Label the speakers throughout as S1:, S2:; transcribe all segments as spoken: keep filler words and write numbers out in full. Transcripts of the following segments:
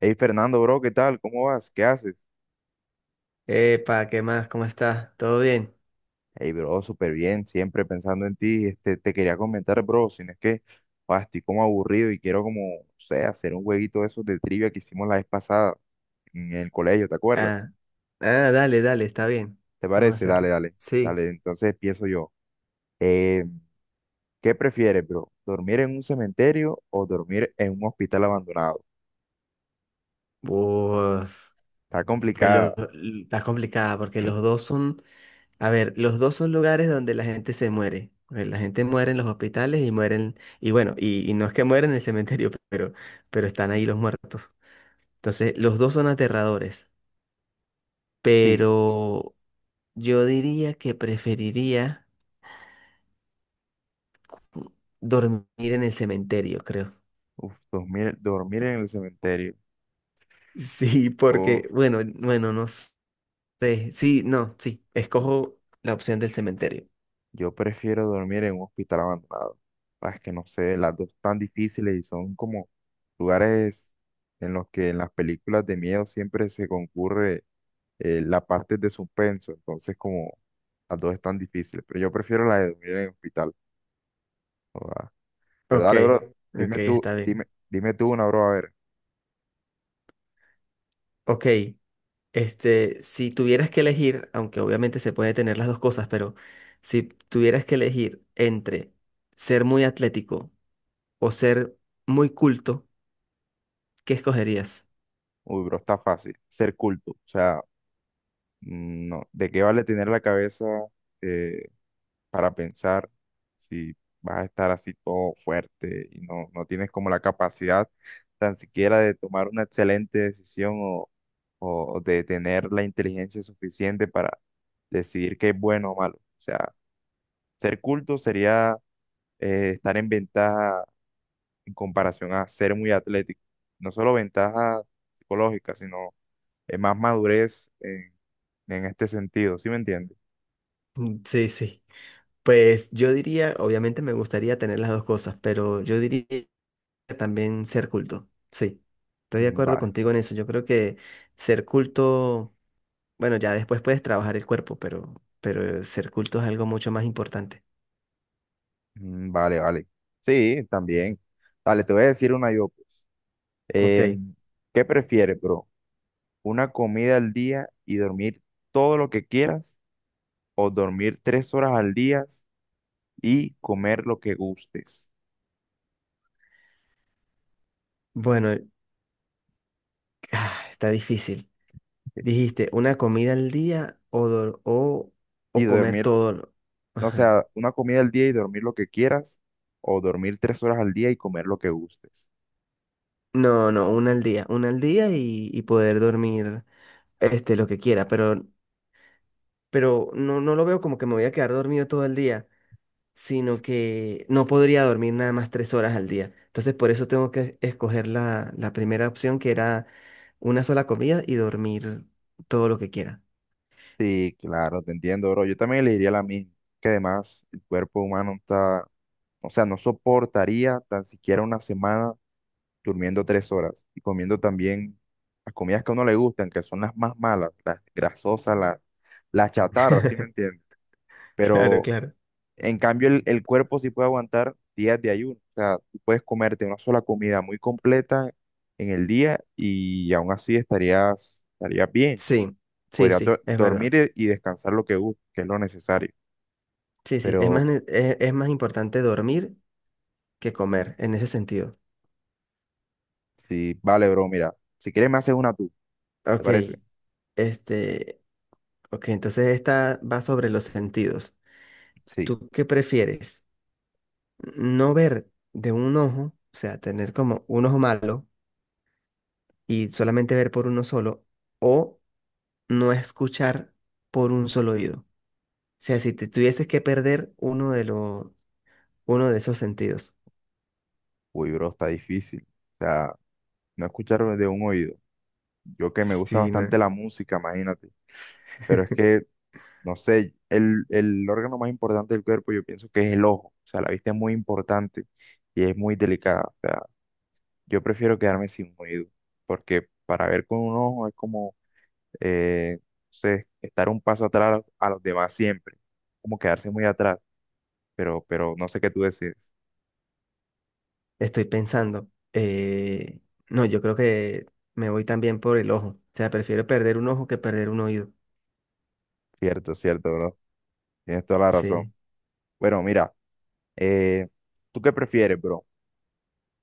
S1: Hey Fernando, bro, ¿qué tal? ¿Cómo vas? ¿Qué haces?
S2: Epa, ¿qué más? ¿Cómo estás? ¿Todo bien?
S1: Hey, bro, súper bien, siempre pensando en ti. Este, te quería comentar, bro, si no es que, ah, estoy como aburrido y quiero como, o sea, hacer un jueguito de esos de trivia que hicimos la vez pasada en el colegio, ¿te acuerdas?
S2: Ah, ah, dale, dale, está bien.
S1: ¿Te
S2: Vamos a
S1: parece? Dale,
S2: hacerlo.
S1: dale,
S2: Sí.
S1: dale. Entonces empiezo yo. Eh, ¿Qué prefieres, bro? ¿Dormir en un cementerio o dormir en un hospital abandonado?
S2: Uf,
S1: Está
S2: pues lo,
S1: complicada.
S2: l- está complicada porque los dos son, a ver, los dos son lugares donde la gente se muere. Eh, La gente muere en los hospitales y mueren, y bueno, y, y no es que mueren en el cementerio, pero, pero están ahí los muertos. Entonces, los dos son aterradores,
S1: Sí.
S2: pero yo diría que preferiría dormir en el cementerio, creo.
S1: Uf, dormir, dormir en el cementerio.
S2: Sí, porque,
S1: Uf.
S2: bueno, bueno, no sé. Sí, no, sí. Escojo la opción del cementerio.
S1: Yo prefiero dormir en un hospital abandonado. Ah, es que no sé, las dos tan difíciles y son como lugares en los que en las películas de miedo siempre se concurre eh, la parte de suspenso. Entonces, como las dos están difíciles. Pero yo prefiero la de dormir en el hospital. Joda. Pero
S2: Ok,
S1: dale, bro,
S2: ok,
S1: dime tú,
S2: está bien.
S1: dime, dime tú una, bro, a ver.
S2: Ok, este, si tuvieras que elegir, aunque obviamente se puede tener las dos cosas, pero si tuvieras que elegir entre ser muy atlético o ser muy culto, ¿qué escogerías?
S1: Uy, bro, está fácil. Ser culto. O sea, mm, no, ¿de qué vale tener la cabeza? eh, para pensar si vas a estar así todo fuerte y no, no tienes como la capacidad tan siquiera de tomar una excelente decisión o, o de tener la inteligencia suficiente para decidir qué es bueno o malo. O sea, ser culto sería eh, estar en ventaja en comparación a ser muy atlético. No solo ventaja psicológica, sino eh, más madurez en, en este sentido, ¿sí me entiendes?
S2: Mm, sí, sí. Pues yo diría, obviamente me gustaría tener las dos cosas, pero yo diría también ser culto. Sí, estoy de
S1: Ujú,
S2: acuerdo
S1: vale.
S2: contigo en eso. Yo creo que ser culto, bueno, ya después puedes trabajar el cuerpo, pero, pero ser culto es algo mucho más importante.
S1: Mm, vale, vale. Sí, también. Dale, te voy a decir una yo, pues.
S2: Ok,
S1: Em, ¿Qué prefieres, bro? ¿Una comida al día y dormir todo lo que quieras? ¿O dormir tres horas al día y comer lo que gustes?
S2: bueno, ah, está difícil. Dijiste, una comida al día o, dor- o,
S1: Y
S2: o comer
S1: dormir,
S2: todo lo-
S1: o
S2: Ajá.
S1: sea, una comida al día y dormir lo que quieras, o dormir tres horas al día y comer lo que gustes.
S2: No, no, una al día, una al día y, y poder dormir este, lo que quiera, pero, pero no, no lo veo como que me voy a quedar dormido todo el día. Sino que no podría dormir nada más tres horas al día. Entonces, por eso tengo que escoger la, la primera opción, que era una sola comida y dormir todo lo que quiera.
S1: Sí, claro, te entiendo, bro. Yo también elegiría la misma, que además el cuerpo humano está, o sea, no soportaría tan siquiera una semana durmiendo tres horas y comiendo también las comidas que a uno le gustan, que son las más malas, las grasosas, las, las chatarras, ¿sí me entiendes?
S2: Claro,
S1: Pero
S2: claro.
S1: en cambio el, el cuerpo sí puede aguantar días de ayuno, o sea, tú puedes comerte una sola comida muy completa en el día y aún así estarías, estarías bien,
S2: Sí, sí,
S1: podrías do-
S2: sí, es verdad.
S1: dormir e- y descansar lo que gustes, que es lo necesario,
S2: Sí, sí, es más,
S1: pero
S2: ne- es, es más importante dormir que comer en ese sentido.
S1: sí, vale, bro, mira, si quieres me haces una tú, ¿te
S2: Ok,
S1: parece?
S2: este, ok, entonces esta va sobre los sentidos.
S1: Sí,
S2: ¿Tú qué prefieres? ¿No ver de un ojo, o sea, tener como un ojo malo? ¿Y solamente ver por uno solo o no escuchar por un solo oído? O sea, si te tuvieses que perder uno de los uno de esos sentidos.
S1: uy, bro, está difícil. O sea, no escuchar de un oído. Yo que me gusta
S2: Sí, no,
S1: bastante la música, imagínate, pero es que, no sé, el, el órgano más importante del cuerpo yo pienso que es el ojo, o sea, la vista es muy importante y es muy delicada, o sea, yo prefiero quedarme sin oído, porque para ver con un ojo es como, eh, no sé, estar un paso atrás a los demás siempre, como quedarse muy atrás, pero, pero no sé qué tú decides.
S2: estoy pensando. Eh, no, yo creo que me voy también por el ojo. O sea, prefiero perder un ojo que perder un oído.
S1: Cierto, cierto, bro, tienes toda la razón.
S2: Sí.
S1: Bueno, mira, eh, ¿tú qué prefieres, bro?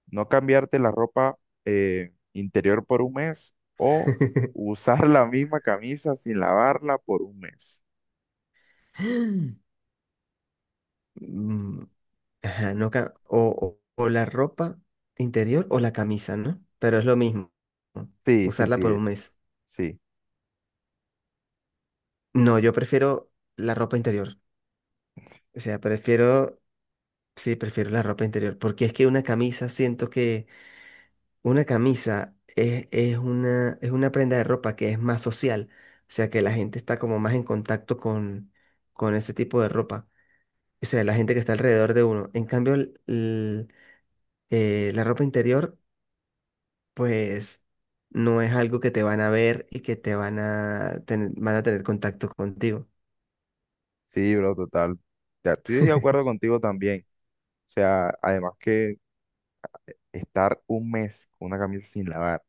S1: No cambiarte la ropa eh, interior por un mes o usar la misma camisa sin lavarla por un mes.
S2: Mm, ajá, no, ca- o, o o la ropa interior o la camisa, ¿no? Pero es lo mismo, ¿no?
S1: Sí, sí,
S2: Usarla por
S1: sí,
S2: un mes.
S1: sí,
S2: No, yo prefiero la ropa interior. O sea, prefiero, sí, prefiero la ropa interior, porque es que una camisa, siento que una camisa es, es una, es una prenda de ropa que es más social. O sea, que la gente está como más en contacto con, con ese tipo de ropa. O sea, la gente que está alrededor de uno. En cambio, el- el, eh, la ropa interior, pues, no es algo que te van a ver y que te van a tener, van a tener contacto contigo.
S1: sí, bro, total. Ya, estoy de acuerdo contigo también. O sea, además que estar un mes con una camisa sin lavar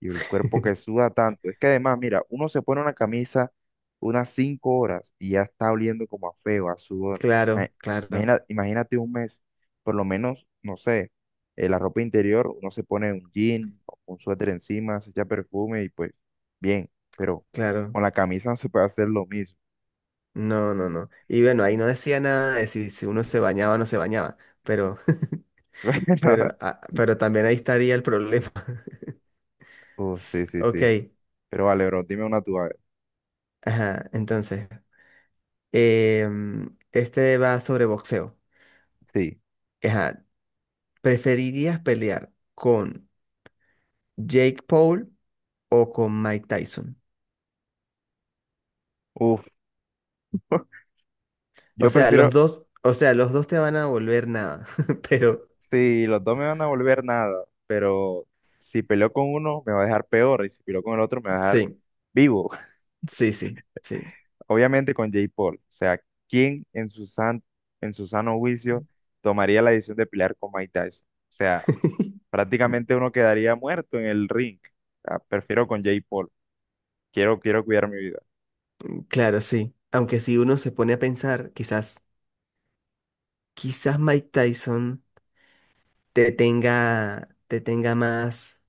S1: y el cuerpo que suda tanto. Es que además, mira, uno se pone una camisa unas cinco horas y ya está oliendo como a feo, a sudor.
S2: Claro,
S1: Ima-
S2: claro,
S1: imagina- imagínate un mes, por lo menos, no sé, eh, la ropa interior, uno se pone un jean, o un suéter encima, se echa perfume y pues bien, pero
S2: claro.
S1: con la camisa no se puede hacer lo mismo.
S2: No, no, no. Y bueno, ahí no decía nada de si, si uno se bañaba o no se bañaba, pero, pero, ah, pero también ahí estaría el problema.
S1: Uh, sí, sí,
S2: Ok,
S1: sí. Pero vale, bro, dime una tú, a ver.
S2: ajá, entonces, em, este va sobre boxeo.
S1: Sí.
S2: Ajá, ¿preferirías pelear con Jake Paul o con Mike Tyson?
S1: Uf,
S2: O
S1: yo
S2: sea, los
S1: prefiero.
S2: dos, o sea, los dos te van a volver nada, pero
S1: Sí, los dos me van a volver nada, pero si peleo con uno me va a dejar peor y si peleo con el otro me va a dejar
S2: sí,
S1: vivo.
S2: sí, sí, sí.
S1: Obviamente con Jake Paul. O sea, ¿quién en su san- en su sano juicio tomaría la decisión de pelear con Mike Tyson? O sea, prácticamente uno quedaría muerto en el ring. O sea, prefiero con Jake Paul. Quiero, quiero cuidar mi vida.
S2: Claro, sí. Aunque si uno se pone a pensar, quizás quizás Mike Tyson te tenga, te tenga más,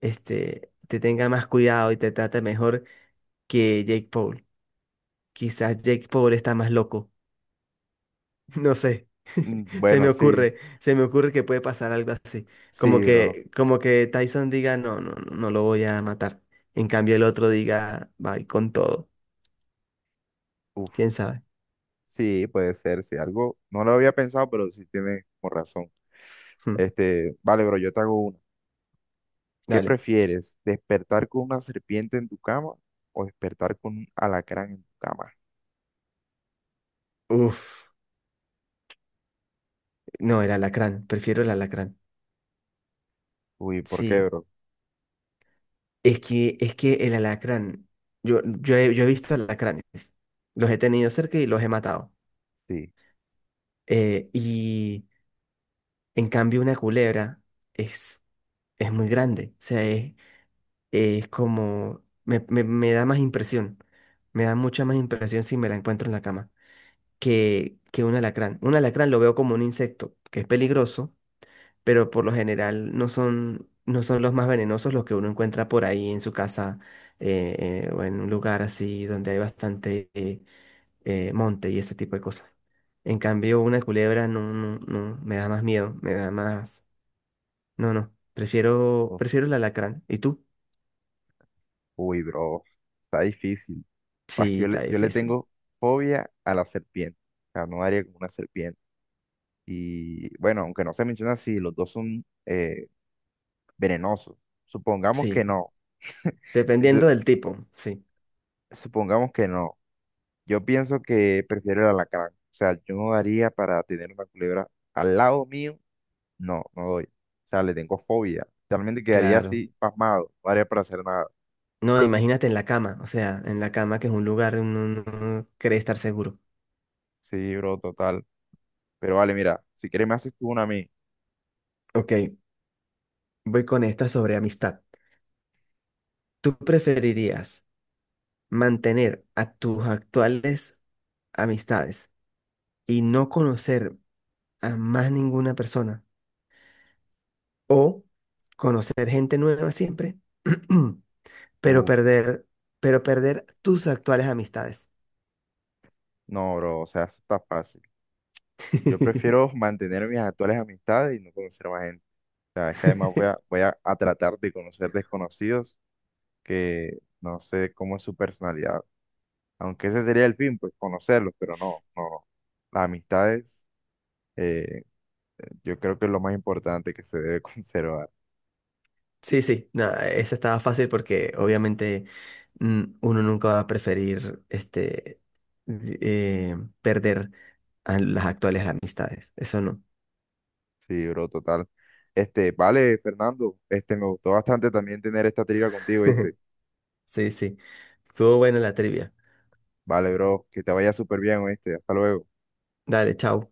S2: este, te tenga más cuidado y te trate mejor que Jake Paul. Quizás Jake Paul está más loco. No sé,
S1: Mm,
S2: se me
S1: bueno, sí,
S2: ocurre, se me ocurre que puede pasar algo así. Como
S1: sí, bro.
S2: que, como que Tyson diga, no, no, no no lo voy a matar. En cambio el otro diga, bye, con todo.
S1: Uf,
S2: ¿Quién sabe?
S1: sí, puede ser, sí. Algo no lo había pensado, pero sí tiene como razón.
S2: Hmm,
S1: Este, vale, bro, yo te hago una. ¿Qué
S2: dale.
S1: prefieres? ¿Despertar con una serpiente en tu cama o despertar con un alacrán en tu cama?
S2: Uf, no, el alacrán, prefiero el alacrán.
S1: Uy, ¿por qué,
S2: Sí.
S1: bro?
S2: Es que, es que el alacrán, yo, yo he, yo he visto alacranes, los he tenido cerca y los he matado.
S1: Sí.
S2: Eh, y en cambio una culebra es, es muy grande, o sea, es, es como, me, me- me da más impresión, me da mucha más impresión si me la encuentro en la cama que, que un alacrán. Un alacrán lo veo como un insecto que es peligroso pero por lo general no son, no son los más venenosos los que uno encuentra por ahí en su casa eh, eh, o en un lugar así donde hay bastante eh, eh, monte y ese tipo de cosas. En cambio, una culebra no, no, no, me da más miedo, me da más... No, no, prefiero,
S1: Uf,
S2: prefiero el alacrán. ¿Y tú?
S1: uy, bro. Está difícil. Ah, es
S2: Sí,
S1: que yo le,
S2: está
S1: yo le
S2: difícil.
S1: tengo fobia a la serpiente. O sea, no daría con una serpiente. Y bueno, aunque no se menciona si los dos son eh, venenosos. Supongamos
S2: Sí,
S1: que no. Si su-
S2: dependiendo del tipo, sí,
S1: Supongamos que no. Yo pienso que prefiero el alacrán. O sea, yo no daría para tener una culebra al lado mío. No, no doy. O sea, le tengo fobia. Realmente quedaría
S2: claro.
S1: así, pasmado. No haría para hacer nada.
S2: No, imagínate en la cama, o sea, en la cama que es un lugar donde uno no cree estar seguro.
S1: Sí, bro, total. Pero vale, mira, si quieres me haces tú una a mí.
S2: Ok, voy con esta sobre amistad. ¿Tú preferirías mantener a tus actuales amistades y no conocer a más ninguna persona o conocer gente nueva siempre, pero
S1: Uf,
S2: perder, pero perder tus actuales amistades?
S1: no, bro, o sea, eso está fácil. Yo prefiero mantener mis actuales amistades y no conocer más gente. O sea, es que además voy a, voy a, a tratar de conocer desconocidos que no sé cómo es su personalidad. Aunque ese sería el fin, pues conocerlos, pero no, no, no. Las amistades, eh, yo creo que es lo más importante que se debe conservar.
S2: Sí, sí, no, esa estaba fácil porque obviamente mm, uno nunca va a preferir este eh, perder a las actuales amistades, eso no.
S1: Sí, bro, total. Este, vale, Fernando, este, me gustó bastante también tener esta trivia contigo, ¿viste?
S2: Sí, sí. Estuvo buena la trivia.
S1: Vale, bro, que te vaya súper bien, ¿viste? Hasta luego.
S2: Dale, chao.